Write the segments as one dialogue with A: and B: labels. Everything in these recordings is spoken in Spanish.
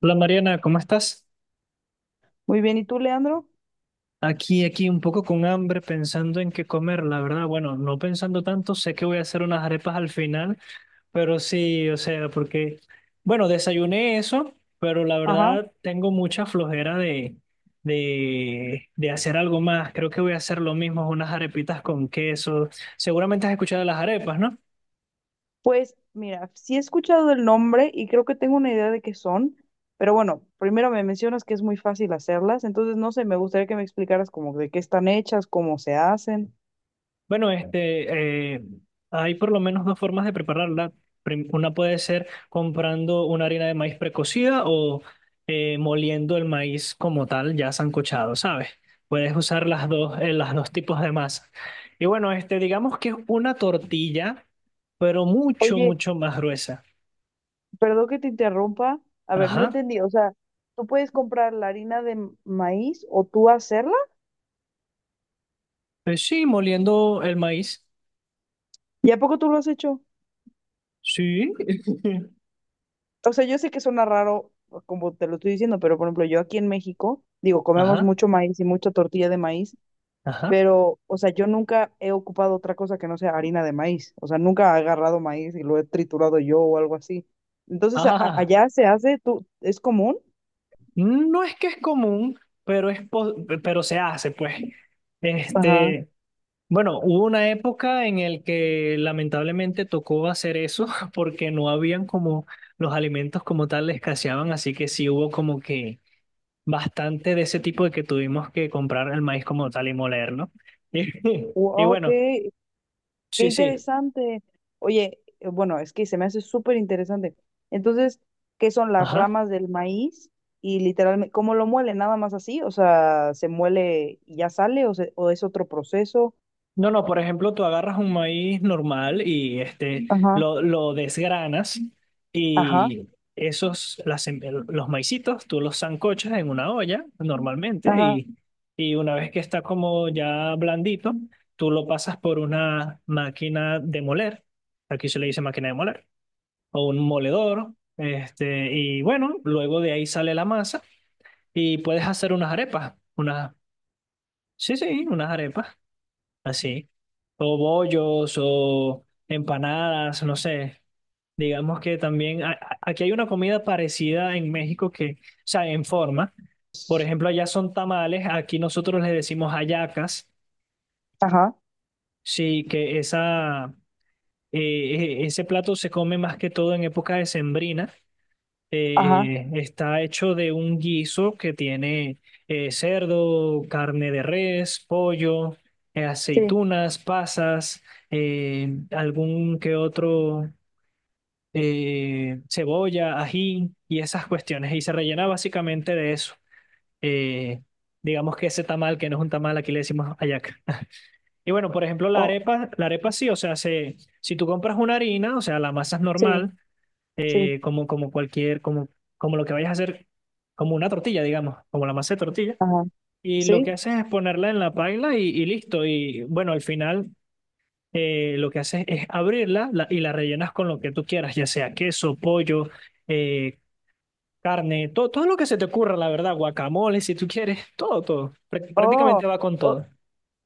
A: Hola Mariana, ¿cómo estás?
B: Muy bien, ¿y tú, Leandro?
A: Aquí, un poco con hambre, pensando en qué comer, la verdad. Bueno, no pensando tanto, sé que voy a hacer unas arepas al final, pero sí, o sea, porque, bueno, desayuné eso, pero la
B: Ajá.
A: verdad tengo mucha flojera de hacer algo más. Creo que voy a hacer lo mismo, unas arepitas con queso. Seguramente has escuchado de las arepas, ¿no?
B: Pues mira, sí he escuchado el nombre y creo que tengo una idea de qué son, pero bueno, primero me mencionas que es muy fácil hacerlas, entonces no sé, me gustaría que me explicaras como de qué están hechas, cómo se hacen.
A: Bueno, hay por lo menos dos formas de prepararla. Una puede ser comprando una harina de maíz precocida o moliendo el maíz como tal, ya sancochado, ¿sabes? Puedes usar las dos tipos de masa. Y bueno, este, digamos que es una tortilla, pero mucho,
B: Oye,
A: mucho más gruesa.
B: perdón que te interrumpa. A ver, no
A: Ajá.
B: entendí. O sea, ¿tú puedes comprar la harina de maíz o tú hacerla?
A: Pues sí, moliendo el maíz.
B: ¿Y a poco tú lo has hecho?
A: Sí.
B: O sea, yo sé que suena raro como te lo estoy diciendo, pero por ejemplo, yo aquí en México, digo, comemos
A: Ajá,
B: mucho maíz y mucha tortilla de maíz,
A: ajá.
B: pero, o sea, yo nunca he ocupado otra cosa que no sea harina de maíz, o sea, nunca he agarrado maíz y lo he triturado yo o algo así. Entonces,
A: Ah.
B: allá se hace, tú, ¿es común?
A: No es que es común, pero, pero se hace, pues.
B: Ajá.
A: Este, bueno, hubo una época en el que lamentablemente tocó hacer eso porque no habían como los alimentos como tal escaseaban, así que sí hubo como que bastante de ese tipo de que tuvimos que comprar el maíz como tal y molerlo. Y, y
B: Wow,
A: bueno,
B: qué
A: sí, sí,
B: interesante. Oye, bueno, es que se me hace súper interesante. Entonces, ¿qué son las
A: ajá.
B: ramas del maíz? Y literalmente, ¿cómo lo muele? ¿Nada más así? O sea, ¿se muele y ya sale o, o es otro proceso?
A: No, no, por ejemplo, tú agarras un maíz normal y este,
B: Ajá,
A: lo desgranas
B: ajá,
A: y esos, los maicitos, tú los sancochas en una olla normalmente
B: ajá,
A: y una vez que está como ya blandito, tú lo pasas por una máquina de moler, aquí se le dice máquina de moler, o un moledor, este, y bueno, luego de ahí sale la masa y puedes hacer unas arepas, unas, sí, sí, unas arepas así. O bollos o empanadas, no sé. Digamos que también aquí hay una comida parecida en México que, o sea, en forma. Por ejemplo, allá son tamales, aquí nosotros le decimos hallacas.
B: ajá,
A: Sí, que esa, ese plato se come más que todo en época decembrina,
B: ajá,
A: está hecho de un guiso que tiene cerdo, carne de res, pollo,
B: sí,
A: aceitunas, pasas, algún que otro, cebolla, ají y esas cuestiones. Y se rellena básicamente de eso. Eh, digamos que ese tamal, que no es un tamal, aquí le decimos hallaca. Y bueno, por ejemplo,
B: o
A: la arepa sí, o sea, se, si tú compras una harina, o sea, la masa es
B: sí.
A: normal,
B: Sí.
A: como, como cualquier, como, como lo que vayas a hacer, como una tortilla, digamos, como la masa de tortilla.
B: Ajá.
A: Y lo
B: ¿Sí?
A: que haces es ponerla en la paila y listo. Y bueno, al final lo que haces es y la rellenas con lo que tú quieras, ya sea queso, pollo, eh, carne, todo, todo lo que se te ocurra, la verdad, guacamole, si tú quieres, todo, todo.
B: Oh,
A: Prácticamente va con
B: o,
A: todo.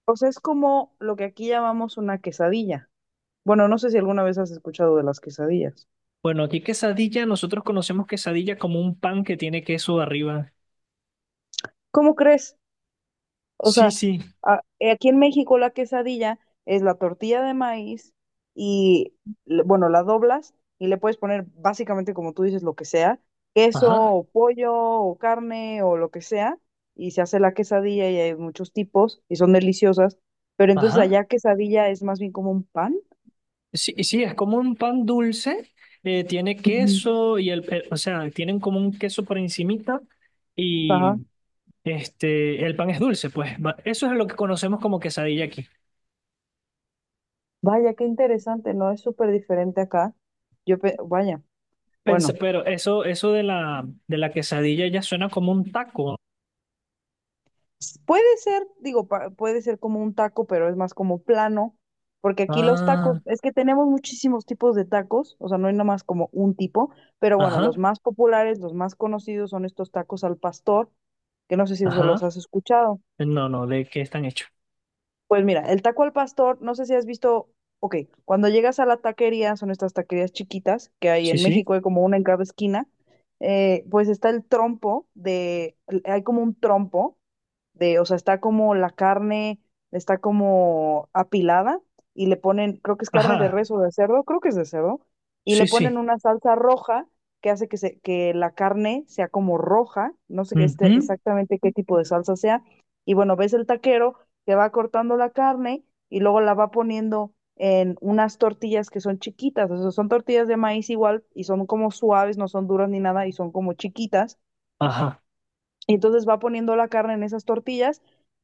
B: o sea, es como lo que aquí llamamos una quesadilla. Bueno, no sé si alguna vez has escuchado de las quesadillas.
A: Bueno, aquí quesadilla, nosotros conocemos quesadilla como un pan que tiene queso arriba.
B: ¿Cómo crees? O
A: Sí,
B: sea,
A: sí.
B: aquí en México la quesadilla es la tortilla de maíz y, bueno, la doblas y le puedes poner básicamente, como tú dices, lo que sea, queso
A: Ajá,
B: o pollo o carne o lo que sea, y se hace la quesadilla y hay muchos tipos y son deliciosas, pero entonces
A: ajá.
B: allá quesadilla es más bien como un pan.
A: Sí, sí, es como un pan dulce, tiene
B: Ujú.
A: queso y o sea, tienen como un queso por encimita
B: Ajá.
A: y este, el pan es dulce, pues eso es lo que conocemos como quesadilla aquí.
B: Vaya, qué interesante, ¿no? Es súper diferente acá. Vaya, bueno,
A: Pero eso de la quesadilla ya suena como un taco.
B: puede ser, digo, puede ser como un taco, pero es más como plano, porque aquí los tacos,
A: Ah,
B: es que tenemos muchísimos tipos de tacos, o sea, no hay nomás como un tipo, pero bueno, los
A: ajá,
B: más populares, los más conocidos son estos tacos al pastor, que no sé si eso
A: ajá.
B: los has escuchado.
A: No, no, ¿de qué están hechos?
B: Pues mira, el taco al pastor, no sé si has visto, ok, cuando llegas a la taquería, son estas taquerías chiquitas que hay
A: Sí,
B: en
A: sí.
B: México, hay como una en cada esquina, pues está el trompo de, hay como un trompo de, o sea, está como la carne, está como apilada y le ponen, creo que es carne de
A: Ajá,
B: res o de cerdo, creo que es de cerdo, y
A: sí,
B: le
A: sí.
B: ponen una salsa roja que hace que, se, que la carne sea como roja, no sé qué
A: Ujú,
B: exactamente qué tipo de salsa sea, y bueno, ves el taquero que va cortando la carne y luego la va poniendo en unas tortillas que son chiquitas, o sea, son tortillas de maíz igual y son como suaves, no son duras ni nada y son como chiquitas.
A: ajá.
B: Y entonces va poniendo la carne en esas tortillas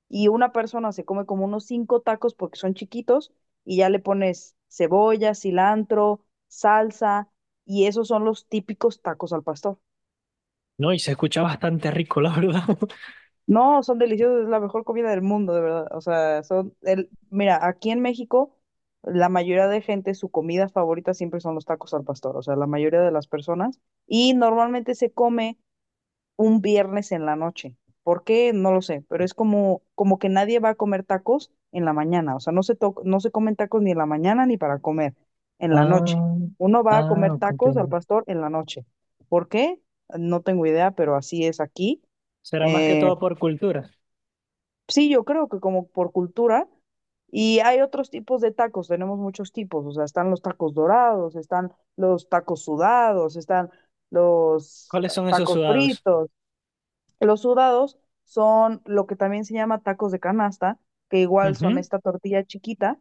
B: y una persona se come como unos cinco tacos porque son chiquitos y ya le pones cebolla, cilantro, salsa y esos son los típicos tacos al pastor.
A: No, y se escucha bastante rico, la verdad.
B: No, son deliciosos, es la mejor comida del mundo, de verdad. O sea, son el, mira, aquí en México, la mayoría de gente, su comida favorita siempre son los tacos al pastor, o sea, la mayoría de las personas, y normalmente se come un viernes en la noche. ¿Por qué? No lo sé, pero es como, como que nadie va a comer tacos en la mañana, o sea, no se comen tacos ni en la mañana ni para comer, en la noche.
A: Ah,
B: Uno va a
A: ah,
B: comer tacos al
A: comprendo.
B: pastor en la noche. ¿Por qué? No tengo idea, pero así es aquí.
A: Será más que
B: eh,
A: todo por cultura.
B: Sí, yo creo que como por cultura. Y hay otros tipos de tacos, tenemos muchos tipos, o sea, están los tacos dorados, están los tacos sudados, están los
A: ¿Cuáles son esos
B: tacos
A: sudados?
B: fritos. Los sudados son lo que también se llama tacos de canasta, que igual son
A: Ujú.
B: esta tortilla chiquita,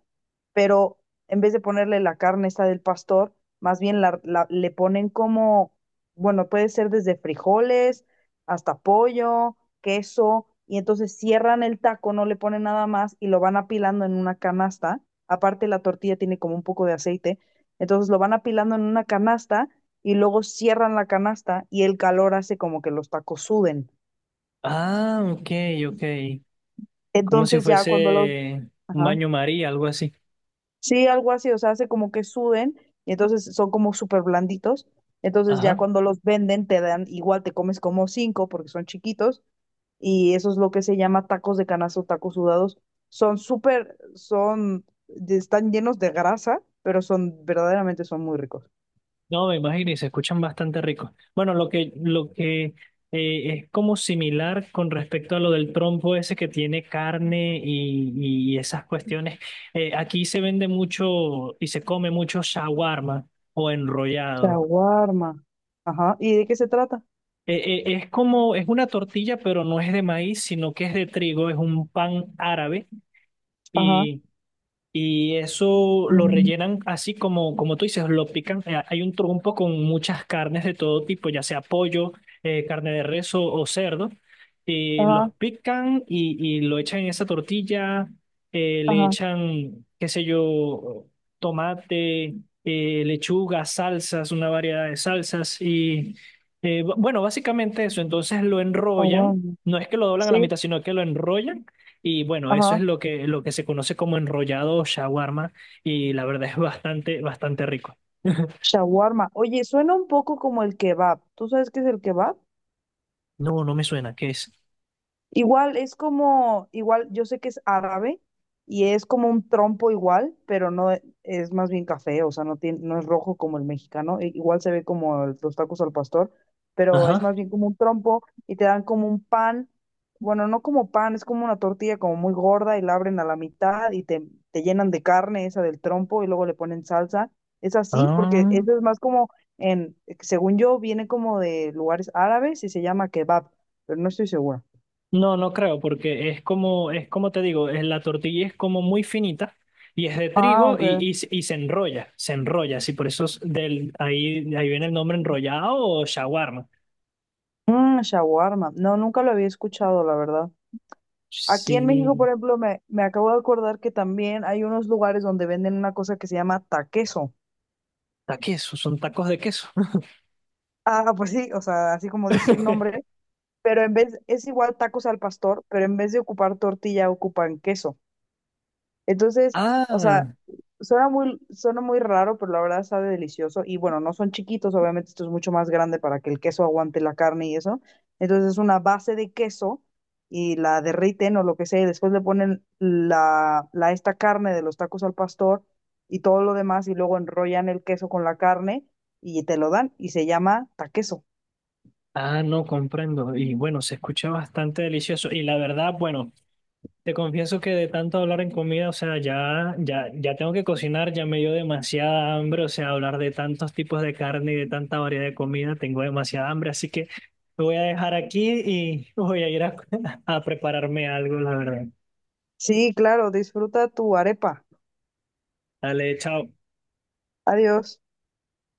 B: pero en vez de ponerle la carne esta del pastor, más bien la, le ponen como, bueno, puede ser desde frijoles hasta pollo, queso, y entonces cierran el taco, no le ponen nada más y lo van apilando en una canasta. Aparte la tortilla tiene como un poco de aceite, entonces lo van apilando en una canasta y luego cierran la canasta y el calor hace como que los tacos suden.
A: Ah, ok, ok. Como si
B: Entonces ya cuando los...
A: fuese un
B: Ajá.
A: baño María, algo así.
B: Sí, algo así, o sea, hace como que suden y entonces son como súper blanditos. Entonces ya
A: Ajá.
B: cuando los venden te dan, igual te comes como cinco porque son chiquitos y eso es lo que se llama tacos de canazo, tacos sudados. Son súper, son, de- están llenos de grasa, pero son, verdaderamente son muy ricos.
A: No, me imagino y se escuchan bastante ricos. Bueno, lo que es como similar con respecto a lo del trompo ese que tiene carne y esas cuestiones. Aquí se vende mucho y se come mucho shawarma o enrollado.
B: Shawarma. Ajá. ¿Y de qué se trata?
A: Es como, es una tortilla, pero no es de maíz, sino que es de trigo, es un pan árabe
B: Ajá.
A: y y eso lo
B: Mm,
A: rellenan así como, como tú dices, lo pican. Hay un trompo con muchas carnes de todo tipo, ya sea pollo, carne de res o cerdo. Y
B: ajá,
A: los pican y lo echan en esa tortilla. Le
B: ajá,
A: echan, qué sé yo, tomate, lechuga, salsas, una variedad de salsas. Y bueno, básicamente eso. Entonces lo enrollan.
B: shawarma.
A: No es que lo doblan a la
B: Sí,
A: mitad, sino que lo enrollan y bueno, eso es
B: ajá.
A: lo que se conoce como enrollado o shawarma y la verdad es bastante, bastante rico.
B: Shawarma. Oye, suena un poco como el kebab. ¿Tú sabes qué es el kebab?
A: No, no me suena, ¿qué es?
B: Igual es como, igual yo sé que es árabe y es como un trompo igual, pero no es más bien café, o sea, no tiene, no es rojo como el mexicano, igual se ve como los tacos al pastor, pero es
A: Ajá.
B: más bien como un trompo y te dan como un pan, bueno, no como pan, es como una tortilla como muy gorda y la abren a la mitad y te llenan de carne esa del trompo y luego le ponen salsa. Es así, porque
A: Ah.
B: eso es más como en, según yo, viene como de lugares árabes y se llama kebab, pero no estoy segura.
A: No, no creo, porque es como te digo, la tortilla es como muy finita y es de
B: Ah,
A: trigo
B: ok.
A: y, y se enrolla, sí, por eso es del, ahí, ahí viene el nombre enrollado o shawarma.
B: Mm, shawarma. No, nunca lo había escuchado, la verdad. Aquí en México, por
A: Sí,
B: ejemplo, me acabo de acordar que también hay unos lugares donde venden una cosa que se llama taqueso.
A: taqueso, son tacos de queso.
B: Ah, pues sí, o sea, así como dice el nombre, pero en vez, es igual tacos al pastor, pero en vez de ocupar tortilla, ocupan queso. Entonces, o sea,
A: Ah.
B: suena muy, suena muy raro, pero la verdad sabe delicioso. Y bueno, no son chiquitos, obviamente esto es mucho más grande para que el queso aguante la carne y eso. Entonces es una base de queso y la derriten o lo que sea, y después le ponen la, la esta carne de los tacos al pastor y todo lo demás, y luego enrollan el queso con la carne y te lo dan y se llama taqueso.
A: Ah, no comprendo. Y bueno, se escucha bastante delicioso. Y la verdad, bueno, te confieso que de tanto hablar en comida, o sea, ya, ya, ya tengo que cocinar, ya me dio demasiada hambre, o sea, hablar de tantos tipos de carne y de tanta variedad de comida, tengo demasiada hambre, así que me voy a dejar aquí y voy a ir a, a prepararme algo, la verdad.
B: Sí, claro, disfruta tu arepa.
A: Dale, chao.
B: Adiós.